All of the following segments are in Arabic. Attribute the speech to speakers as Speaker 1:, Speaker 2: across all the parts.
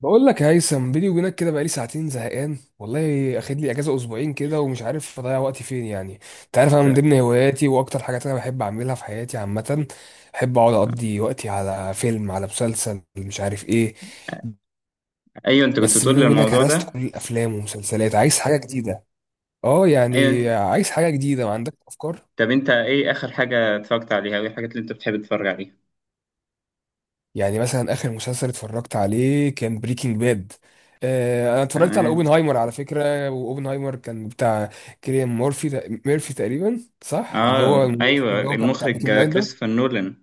Speaker 1: بقول لك يا هيثم، بيني وبينك كده بقالي ساعتين زهقان والله، اخد لي اجازه اسبوعين كده ومش عارف اضيع وقتي فين يعني. انت عارف انا من
Speaker 2: ت-
Speaker 1: ضمن هواياتي واكتر حاجات انا بحب اعملها في حياتي عامه، بحب اقعد اقضي وقتي على فيلم، على مسلسل، مش عارف ايه.
Speaker 2: ايوه، انت كنت
Speaker 1: بس
Speaker 2: بتقول
Speaker 1: بيني
Speaker 2: لي
Speaker 1: وبينك
Speaker 2: الموضوع
Speaker 1: هرست كل
Speaker 2: ده.
Speaker 1: الافلام ومسلسلات، عايز حاجه جديده. اه
Speaker 2: ايوه.
Speaker 1: يعني عايز حاجه جديده، ما عندك افكار.
Speaker 2: طب انت ايه اخر حاجه اتفرجت عليها، او ايه الحاجات اللي انت بتحب تتفرج عليها؟
Speaker 1: يعني مثلا اخر مسلسل اتفرجت عليه كان بريكنج باد. آه انا اتفرجت على
Speaker 2: تمام.
Speaker 1: اوبنهايمر على فكره، واوبنهايمر كان بتاع كيليان ميرفي تقريبا، صح، اللي هو
Speaker 2: اه، ايوه،
Speaker 1: اللي هو كان بتاع
Speaker 2: المخرج
Speaker 1: بريكنج باد ده.
Speaker 2: كريستوفر نولان.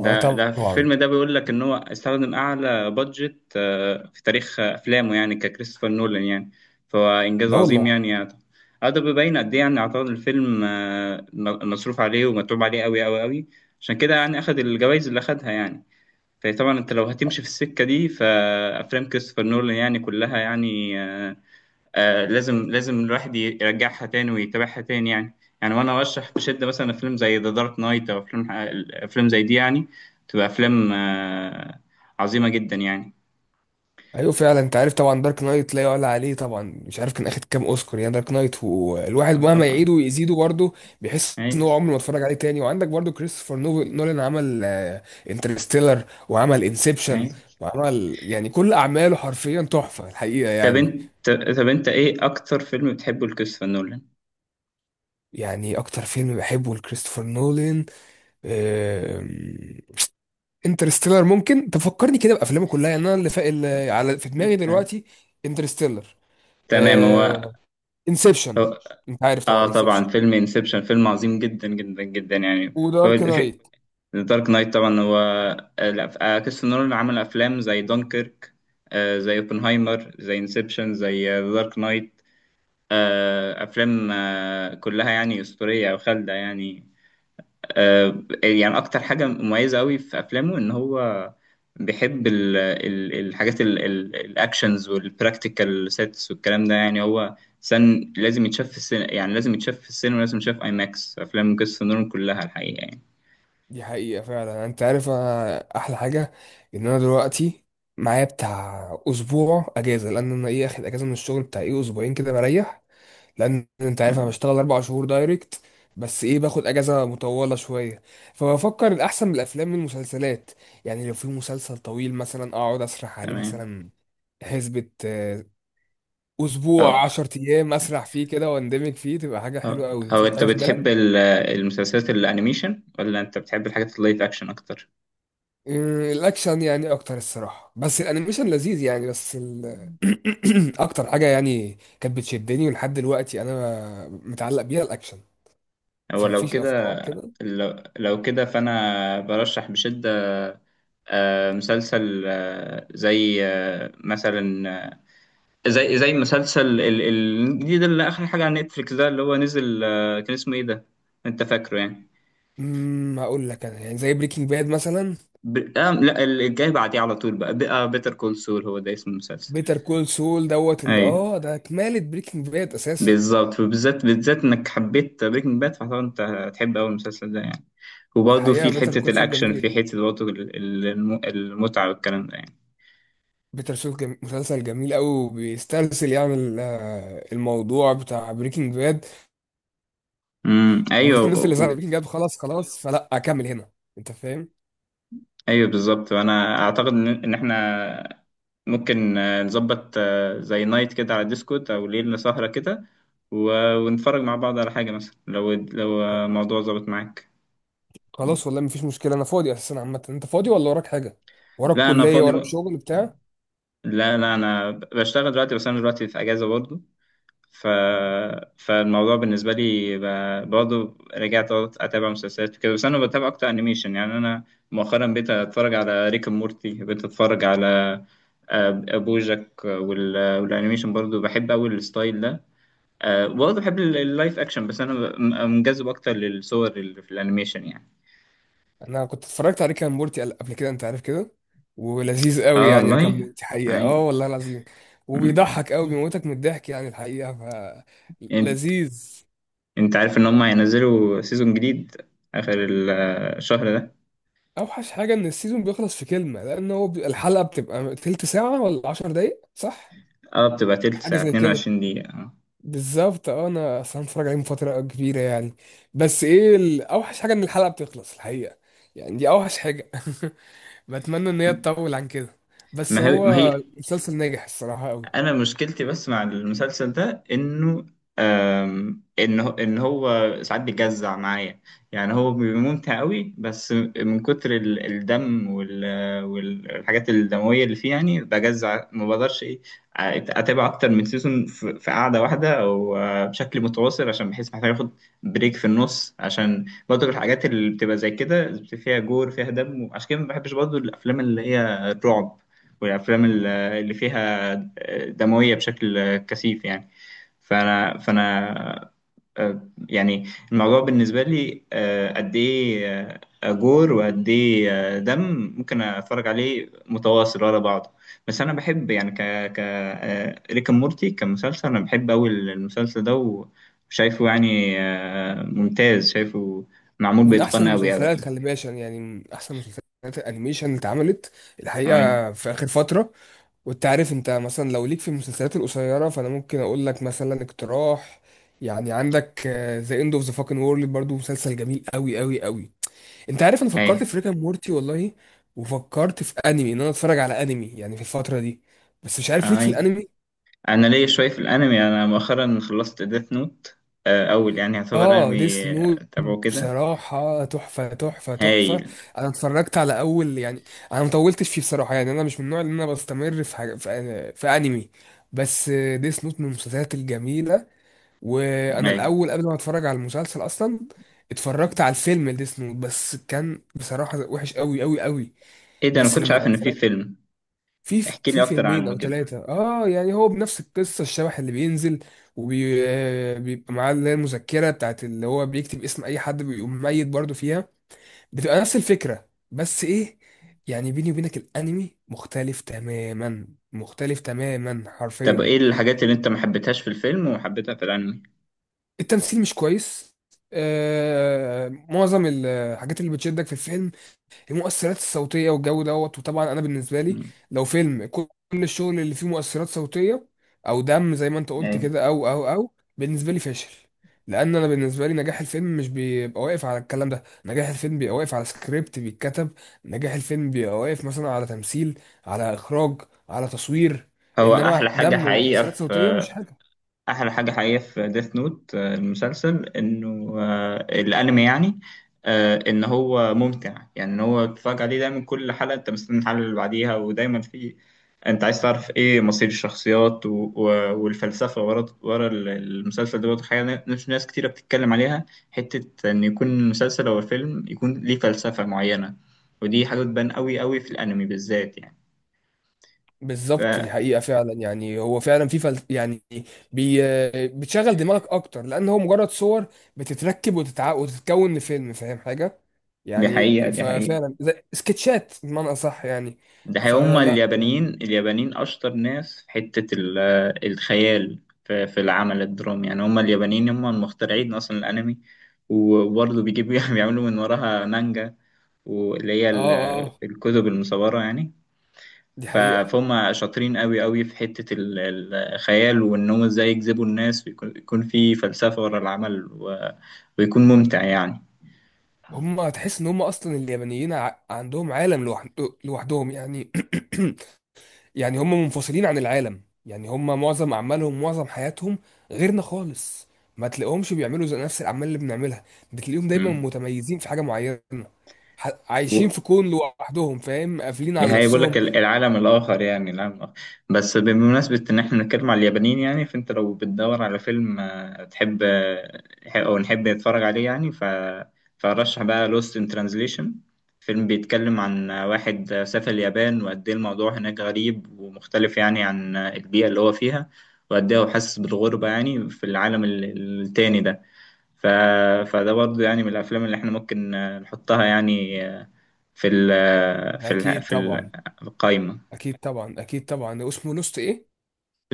Speaker 1: اه
Speaker 2: ده في
Speaker 1: طبعا.
Speaker 2: الفيلم ده بيقول لك ان هو استخدم اعلى بادجت في تاريخ افلامه، يعني ككريستوفر نولان يعني. فهو انجاز
Speaker 1: لا
Speaker 2: عظيم
Speaker 1: والله.
Speaker 2: يعني. اه، ده بيبين قد ايه. يعني اعتقد الفيلم مصروف عليه ومتعوب عليه قوي قوي قوي. عشان كده يعني اخد الجوائز اللي اخدها يعني. فطبعا انت لو هتمشي في السكه دي، فافلام كريستوفر نولان يعني كلها، يعني لازم لازم الواحد يرجعها تاني ويتابعها تاني، يعني يعني، وانا ارشح بشده مثلا فيلم زي ذا دارك نايت، او افلام زي دي يعني، تبقى افلام عظيمه جدا يعني.
Speaker 1: ايوه فعلا، انت عارف طبعا دارك نايت لا يعلى عليه طبعا، مش عارف كان اخد كام اوسكار يعني دارك نايت، والواحد
Speaker 2: اه
Speaker 1: مهما
Speaker 2: طبعا.
Speaker 1: يعيده ويزيده برضه بيحس ان
Speaker 2: ايوه،
Speaker 1: هو عمره ما اتفرج عليه تاني. وعندك برضه كريستوفر نولان عمل انترستيلر، وعمل انسبشن،
Speaker 2: ايوه.
Speaker 1: وعمل يعني كل اعماله حرفيا تحفه الحقيقه
Speaker 2: طب
Speaker 1: يعني.
Speaker 2: انت طب انت ايه اكتر فيلم بتحبه لكريستوفر نولان؟
Speaker 1: يعني اكتر فيلم بحبه لكريستوفر نولان انترستيلر. ممكن تفكرني كده بافلامه كلها يعني، انا اللي على في دماغي
Speaker 2: آه.
Speaker 1: دلوقتي انترستيلر،
Speaker 2: تمام.
Speaker 1: انسبشن،
Speaker 2: هو-
Speaker 1: انت عارف طبعا
Speaker 2: اه، طبعا،
Speaker 1: انسبشن،
Speaker 2: فيلم انسبشن فيلم عظيم جدا جدا جدا يعني. هو
Speaker 1: ودارك
Speaker 2: الف-
Speaker 1: نايت.
Speaker 2: دارك نايت طبعا هو لا، كريستوفر نولان عمل افلام زي دونكيرك، زي اوبنهايمر، زي انسبشن، زي دارك نايت. افلام كلها يعني اسطوريه او خالده يعني. يعني اكتر حاجه مميزه قوي في افلامه ان هو بيحب الحاجات الاكشنز والبراكتيكال سيتس والكلام ده، يعني هو سن لازم يتشاف في السينما، يعني لازم يتشاف في السينما، لازم يتشاف اي ماكس. افلام كريستوفر نولان كلها الحقيقه يعني.
Speaker 1: دي حقيقة فعلا، انت عارف انا احلى حاجة ان انا دلوقتي معايا بتاع اسبوع اجازة، لان انا ايه، اخد اجازة من الشغل بتاع ايه اسبوعين كده بريح، لان انت عارف انا
Speaker 2: تمام،
Speaker 1: بشتغل اربع شهور دايركت، بس ايه باخد اجازة مطولة شوية. فبفكر الاحسن من الافلام من المسلسلات، يعني لو في مسلسل طويل مثلا اقعد اسرح عليه
Speaker 2: تمام.
Speaker 1: مثلا، حسبة
Speaker 2: أو
Speaker 1: اسبوع عشر ايام اسرح فيه كده واندمج فيه، تبقى حاجة
Speaker 2: أو
Speaker 1: حلوة قوي.
Speaker 2: أو
Speaker 1: مفيش
Speaker 2: أنت
Speaker 1: حاجة في
Speaker 2: بتحب
Speaker 1: بالك؟
Speaker 2: المسلسلات الأنيميشن، ولا أنت بتحب الحاجات اللايف أكشن أكتر؟
Speaker 1: الاكشن يعني اكتر الصراحه، بس الانيميشن لذيذ يعني، بس اكتر حاجه يعني كانت بتشدني ولحد دلوقتي انا متعلق بيها الاكشن.
Speaker 2: هو لو
Speaker 1: فمفيش افكار
Speaker 2: كده
Speaker 1: كده.
Speaker 2: لو, لو كده فأنا برشح بشدة مسلسل زي مثلا، زي مسلسل الجديد، اللي آخر حاجة على نتفليكس ده، اللي هو نزل، كان اسمه إيه ده؟ أنت فاكره يعني؟
Speaker 1: هقول لك انا يعني زي بريكنج باد مثلا.
Speaker 2: ب... آه لا، الجاي بعديه على طول. بقى بيتر كول سول، هو ده اسم المسلسل.
Speaker 1: بيتر كول سول دوت، اللي
Speaker 2: أيوه،
Speaker 1: اه ده كمالة بريكنج باد اساسا.
Speaker 2: بالظبط. وبالذات بالذات انك حبيت بريكنج باد، فطبعا انت هتحب قوي المسلسل ده يعني. وبرضه
Speaker 1: الحقيقه
Speaker 2: في
Speaker 1: بيتر
Speaker 2: حتة
Speaker 1: كول سول
Speaker 2: الأكشن، في
Speaker 1: جميل،
Speaker 2: حتة برضه المتعة والكلام ده يعني.
Speaker 1: مسلسل جميل قوي، بيسترسل يعني الموضوع بتاع بريكنج باد،
Speaker 2: ايوه،
Speaker 1: والناس اللي زعلت بريكنج باد خلاص خلاص فلا اكمل هنا، انت فاهم.
Speaker 2: ايوه، بالظبط. وانا اعتقد ان احنا ممكن نظبط زي نايت كده على ديسكورد، او ليلة سهرة كده، ونتفرج مع بعض على حاجة، مثلا لو موضوع ظبط معاك.
Speaker 1: خلاص والله مفيش مشكله، انا فاضي اساسا عامه. انت فاضي ولا وراك حاجه؟ وراك
Speaker 2: لا، انا
Speaker 1: كليه،
Speaker 2: فاضي.
Speaker 1: وراك شغل بتاع؟
Speaker 2: لا، لا، انا بشتغل دلوقتي، بس انا دلوقتي في اجازة برضه. ف... فالموضوع بالنسبة لي برضه رجعت برضه أتابع مسلسلات كده. بس أنا بتابع أكتر أنيميشن، يعني أنا مؤخرا بقيت أتفرج على ريك أند مورتي، بقيت أتفرج على آه، بوجاك، والأنيميشن برضه بحب أوي الستايل ده. برضه بحب اللايف أكشن، بس أنا منجذب أكتر للصور اللي في الأنيميشن يعني.
Speaker 1: انا كنت اتفرجت عليه كان مورتي قبل كده، انت عارف كده، ولذيذ قوي
Speaker 2: آه
Speaker 1: يعني كان
Speaker 2: والله.
Speaker 1: مورتي حقيقه، اه
Speaker 2: أيوة.
Speaker 1: والله العظيم،
Speaker 2: مم.
Speaker 1: وبيضحك قوي، بيموتك من الضحك يعني الحقيقه، ف
Speaker 2: أنت
Speaker 1: لذيذ.
Speaker 2: أنت عارف إن هم هينزلوا سيزون جديد آخر الشهر ده.
Speaker 1: اوحش حاجه ان السيزون بيخلص في كلمه، لان هو الحلقه بتبقى تلت ساعه ولا 10 دقايق، صح،
Speaker 2: بتبقى تلت
Speaker 1: حاجه
Speaker 2: ساعة
Speaker 1: زي كده.
Speaker 2: 22 دقيقة آه.
Speaker 1: بالظبط اه، انا اصلا اتفرج عليه من فتره كبيره يعني، بس ايه اوحش حاجه ان الحلقه بتخلص الحقيقه، يعني دي اوحش حاجه. بتمنى ان هي تطول عن كده، بس
Speaker 2: ما هي ما
Speaker 1: هو
Speaker 2: هي
Speaker 1: المسلسل ناجح الصراحه قوي.
Speaker 2: انا مشكلتي بس مع المسلسل ده انه ان هو ساعات بيجزع معايا. يعني هو بيبقى ممتع قوي، بس من كتر الدم والحاجات الدمويه اللي فيه يعني بجزع، ما بقدرش ايه اتابع اكتر من سيزون في قعده واحده، او بشكل متواصل. عشان بحس محتاج اخد بريك في النص، عشان برضه الحاجات اللي بتبقى زي كده فيها جور فيها دم. عشان كده ما بحبش برضه الافلام اللي هي الرعب، والافلام اللي فيها دموية بشكل كثيف يعني. فأنا يعني الموضوع بالنسبة لي قد إيه جور، وقد إيه دم ممكن أتفرج عليه متواصل ورا بعضه. بس أنا بحب يعني ك ك آه، ريك أند مورتي كمسلسل. أنا بحب أوي المسلسل ده، وشايفه يعني ممتاز، شايفه معمول
Speaker 1: من احسن
Speaker 2: بإتقان أوي
Speaker 1: المسلسلات،
Speaker 2: أوي.
Speaker 1: خلي بالك، عشان يعني من احسن مسلسلات الانيميشن اللي اتعملت
Speaker 2: أي،
Speaker 1: الحقيقه في اخر فتره. وانت عارف انت مثلا لو ليك في المسلسلات القصيره، فانا ممكن اقول لك مثلا اقتراح. يعني عندك ذا اند اوف ذا فاكن وورلد برضو، مسلسل جميل قوي قوي قوي. انت عارف انا
Speaker 2: أي،
Speaker 1: فكرت في ريكا مورتي والله، وفكرت في انمي ان انا اتفرج على انمي يعني في الفتره دي، بس مش عارف ليك في
Speaker 2: أي.
Speaker 1: الانمي.
Speaker 2: انا ليا شويه في الانمي. انا مؤخرا خلصت ديث نوت، اول يعني يعتبر
Speaker 1: اه ديس
Speaker 2: انمي
Speaker 1: نوت،
Speaker 2: تابعه كده.
Speaker 1: بصراحه تحفه تحفه
Speaker 2: هايل،
Speaker 1: تحفه. انا اتفرجت على اول يعني، انا مطولتش فيه بصراحه يعني، انا مش من النوع اللي انا بستمر في حاجه في انمي، بس ديس نوت من المسلسلات الجميله. وانا
Speaker 2: هايل.
Speaker 1: الاول قبل ما اتفرج على المسلسل اصلا اتفرجت على الفيلم ديس نوت، بس كان بصراحه وحش قوي قوي قوي.
Speaker 2: ايه ده، انا
Speaker 1: بس
Speaker 2: كنتش عارف
Speaker 1: لما
Speaker 2: ان في
Speaker 1: اتفرجت،
Speaker 2: فيلم.
Speaker 1: في
Speaker 2: احكي لي اكتر
Speaker 1: فيلمين
Speaker 2: عنه
Speaker 1: او
Speaker 2: كده.
Speaker 1: ثلاثه اه، يعني هو بنفس القصه، الشبح اللي بينزل وبيبقى معاه اللي هي المذكره بتاعت اللي هو بيكتب اسم اي حد بيقوم ميت برضه فيها، بتبقى نفس الفكره، بس ايه، يعني بيني وبينك الانمي مختلف تماما، مختلف تماما
Speaker 2: طب
Speaker 1: حرفيا.
Speaker 2: ايه الحاجات اللي انت ما حبيتهاش في الفيلم وحبيتها في الانمي؟
Speaker 1: التمثيل مش كويس، آه معظم الحاجات اللي بتشدك في الفيلم المؤثرات الصوتيه والجو دوت، وطبعا انا بالنسبه لي
Speaker 2: مم.
Speaker 1: لو فيلم كل الشغل اللي فيه مؤثرات صوتيه او دم زي ما انت قلت
Speaker 2: ايه،
Speaker 1: كده، او بالنسبه لي فاشل. لان انا بالنسبه لي نجاح الفيلم مش بيبقى واقف على الكلام ده، نجاح الفيلم بيبقى واقف على سكريبت بيتكتب، نجاح الفيلم بيبقى واقف مثلا على تمثيل، على اخراج، على تصوير،
Speaker 2: هو احلى
Speaker 1: انما
Speaker 2: حاجه
Speaker 1: دم
Speaker 2: حقيقه
Speaker 1: وتاثيرات
Speaker 2: في
Speaker 1: صوتيه مش حاجه.
Speaker 2: احلى حاجه حقيقيه في ديث نوت المسلسل، انه الانمي يعني ان هو ممتع. يعني ان هو تتفرج عليه دايما، كل حلقه انت مستني الحلقه اللي بعديها، ودايما في، انت عايز تعرف ايه مصير الشخصيات، والفلسفه ورا المسلسل ده، برضه حاجه مش ناس كتيره بتتكلم عليها، حته ان يكون المسلسل او الفيلم يكون ليه فلسفه معينه، ودي حاجه بتبان قوي قوي في الانمي بالذات يعني.
Speaker 1: بالظبط دي
Speaker 2: ف-
Speaker 1: حقيقة فعلا، يعني هو فعلا في يعني بي... بتشغل دماغك أكتر، لأن هو مجرد صور بتتركب وتتكون لفيلم، فاهم حاجة؟
Speaker 2: دي
Speaker 1: يعني
Speaker 2: حقيقه، دي حقيقه.
Speaker 1: ففعلا زي سكتشات بمعنى أصح يعني.
Speaker 2: ده هما
Speaker 1: فلا يعني
Speaker 2: اليابانيين، اليابانيين أشطر ناس في حتة الخيال، في العمل الدرامي. يعني هما اليابانيين هما المخترعين أصلا الأنمي، وبرضه بيجيبوا بيعملوا من وراها مانجا، واللي هي
Speaker 1: آه آه آه،
Speaker 2: الكتب المصورة يعني.
Speaker 1: دي
Speaker 2: ف-
Speaker 1: حقيقة.
Speaker 2: فهم شاطرين أوي أوي في حتة الخيال، وإن هم إزاي يجذبوا الناس، ويكون في فلسفة ورا العمل، ويكون ممتع يعني.
Speaker 1: هم تحس إن هم أصلا اليابانيين عندهم عالم لوحدهم يعني. يعني هم منفصلين عن العالم، يعني هم معظم اعمالهم معظم حياتهم غيرنا خالص، ما تلاقيهمش بيعملوا زي نفس الاعمال اللي بنعملها، بتلاقيهم دايما
Speaker 2: مم.
Speaker 1: متميزين في حاجه معينه، عايشين في كون لوحدهم، فاهم، قافلين
Speaker 2: دي
Speaker 1: على
Speaker 2: هيقول لك
Speaker 1: نفسهم.
Speaker 2: العالم الآخر، يعني العالم الآخر. بس بمناسبة إن إحنا بنتكلم على اليابانيين يعني، فأنت لو بتدور على فيلم تحب أو نحب نتفرج عليه يعني، فرشح بقى Lost in Translation. فيلم بيتكلم عن واحد سافر اليابان، وقد إيه الموضوع هناك غريب ومختلف يعني عن البيئة اللي هو فيها، وقد إيه هو حاسس بالغربة يعني في العالم التاني ده. ف... فده برضه يعني من الأفلام اللي إحنا ممكن نحطها، يعني في ال
Speaker 1: ده
Speaker 2: في ال
Speaker 1: اكيد
Speaker 2: في ال-
Speaker 1: طبعا.
Speaker 2: القايمة.
Speaker 1: اكيد طبعا اكيد طبعا، اسمه لوست ايه؟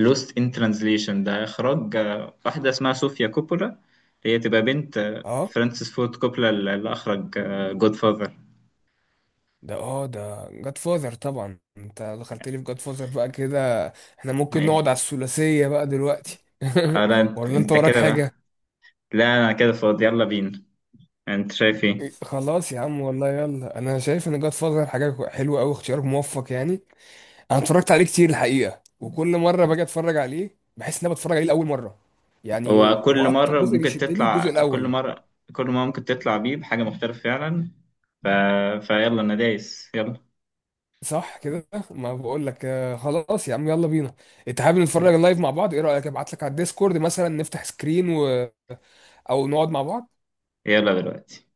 Speaker 2: Lost in Translation ده إخراج واحدة اسمها صوفيا كوبولا، هي تبقى بنت
Speaker 1: اه
Speaker 2: فرانسيس فورد كوبولا، اللي أخرج جود فاذر.
Speaker 1: ده، اه ده جاد فاذر طبعا، انت دخلت لي في جاد فاذر بقى كده، احنا ممكن
Speaker 2: أي.
Speaker 1: نقعد على الثلاثيه بقى دلوقتي.
Speaker 2: أنت
Speaker 1: ولا انت
Speaker 2: أنت
Speaker 1: وراك
Speaker 2: كده بقى.
Speaker 1: حاجه؟
Speaker 2: لا، أنا كده فاضي، يلا بينا. أنت شايف إيه؟
Speaker 1: إيه، خلاص يا عم والله يلا، انا شايف ان جاد فازر حاجه حلوه قوي، اختيار موفق يعني. انا اتفرجت عليه كتير الحقيقه، وكل مره باجي اتفرج عليه بحس ان انا بتفرج عليه لاول مره يعني.
Speaker 2: هو كل
Speaker 1: واكتر
Speaker 2: مرة
Speaker 1: جزء
Speaker 2: ممكن
Speaker 1: بيشدني
Speaker 2: تطلع
Speaker 1: الجزء
Speaker 2: كل
Speaker 1: الاول.
Speaker 2: مرة كل مرة ممكن تطلع بيه بحاجة مختلفة فعلا. ف... فيلا، أنا دايس، يلا.
Speaker 1: صح كده، ما بقول لك، خلاص يا عم يلا بينا. انت حابب نتفرج
Speaker 2: إيه؟
Speaker 1: لايف مع بعض؟ ايه رايك ابعت لك على الديسكورد مثلا نفتح سكرين او نقعد مع بعض.
Speaker 2: يلا دلوقتي.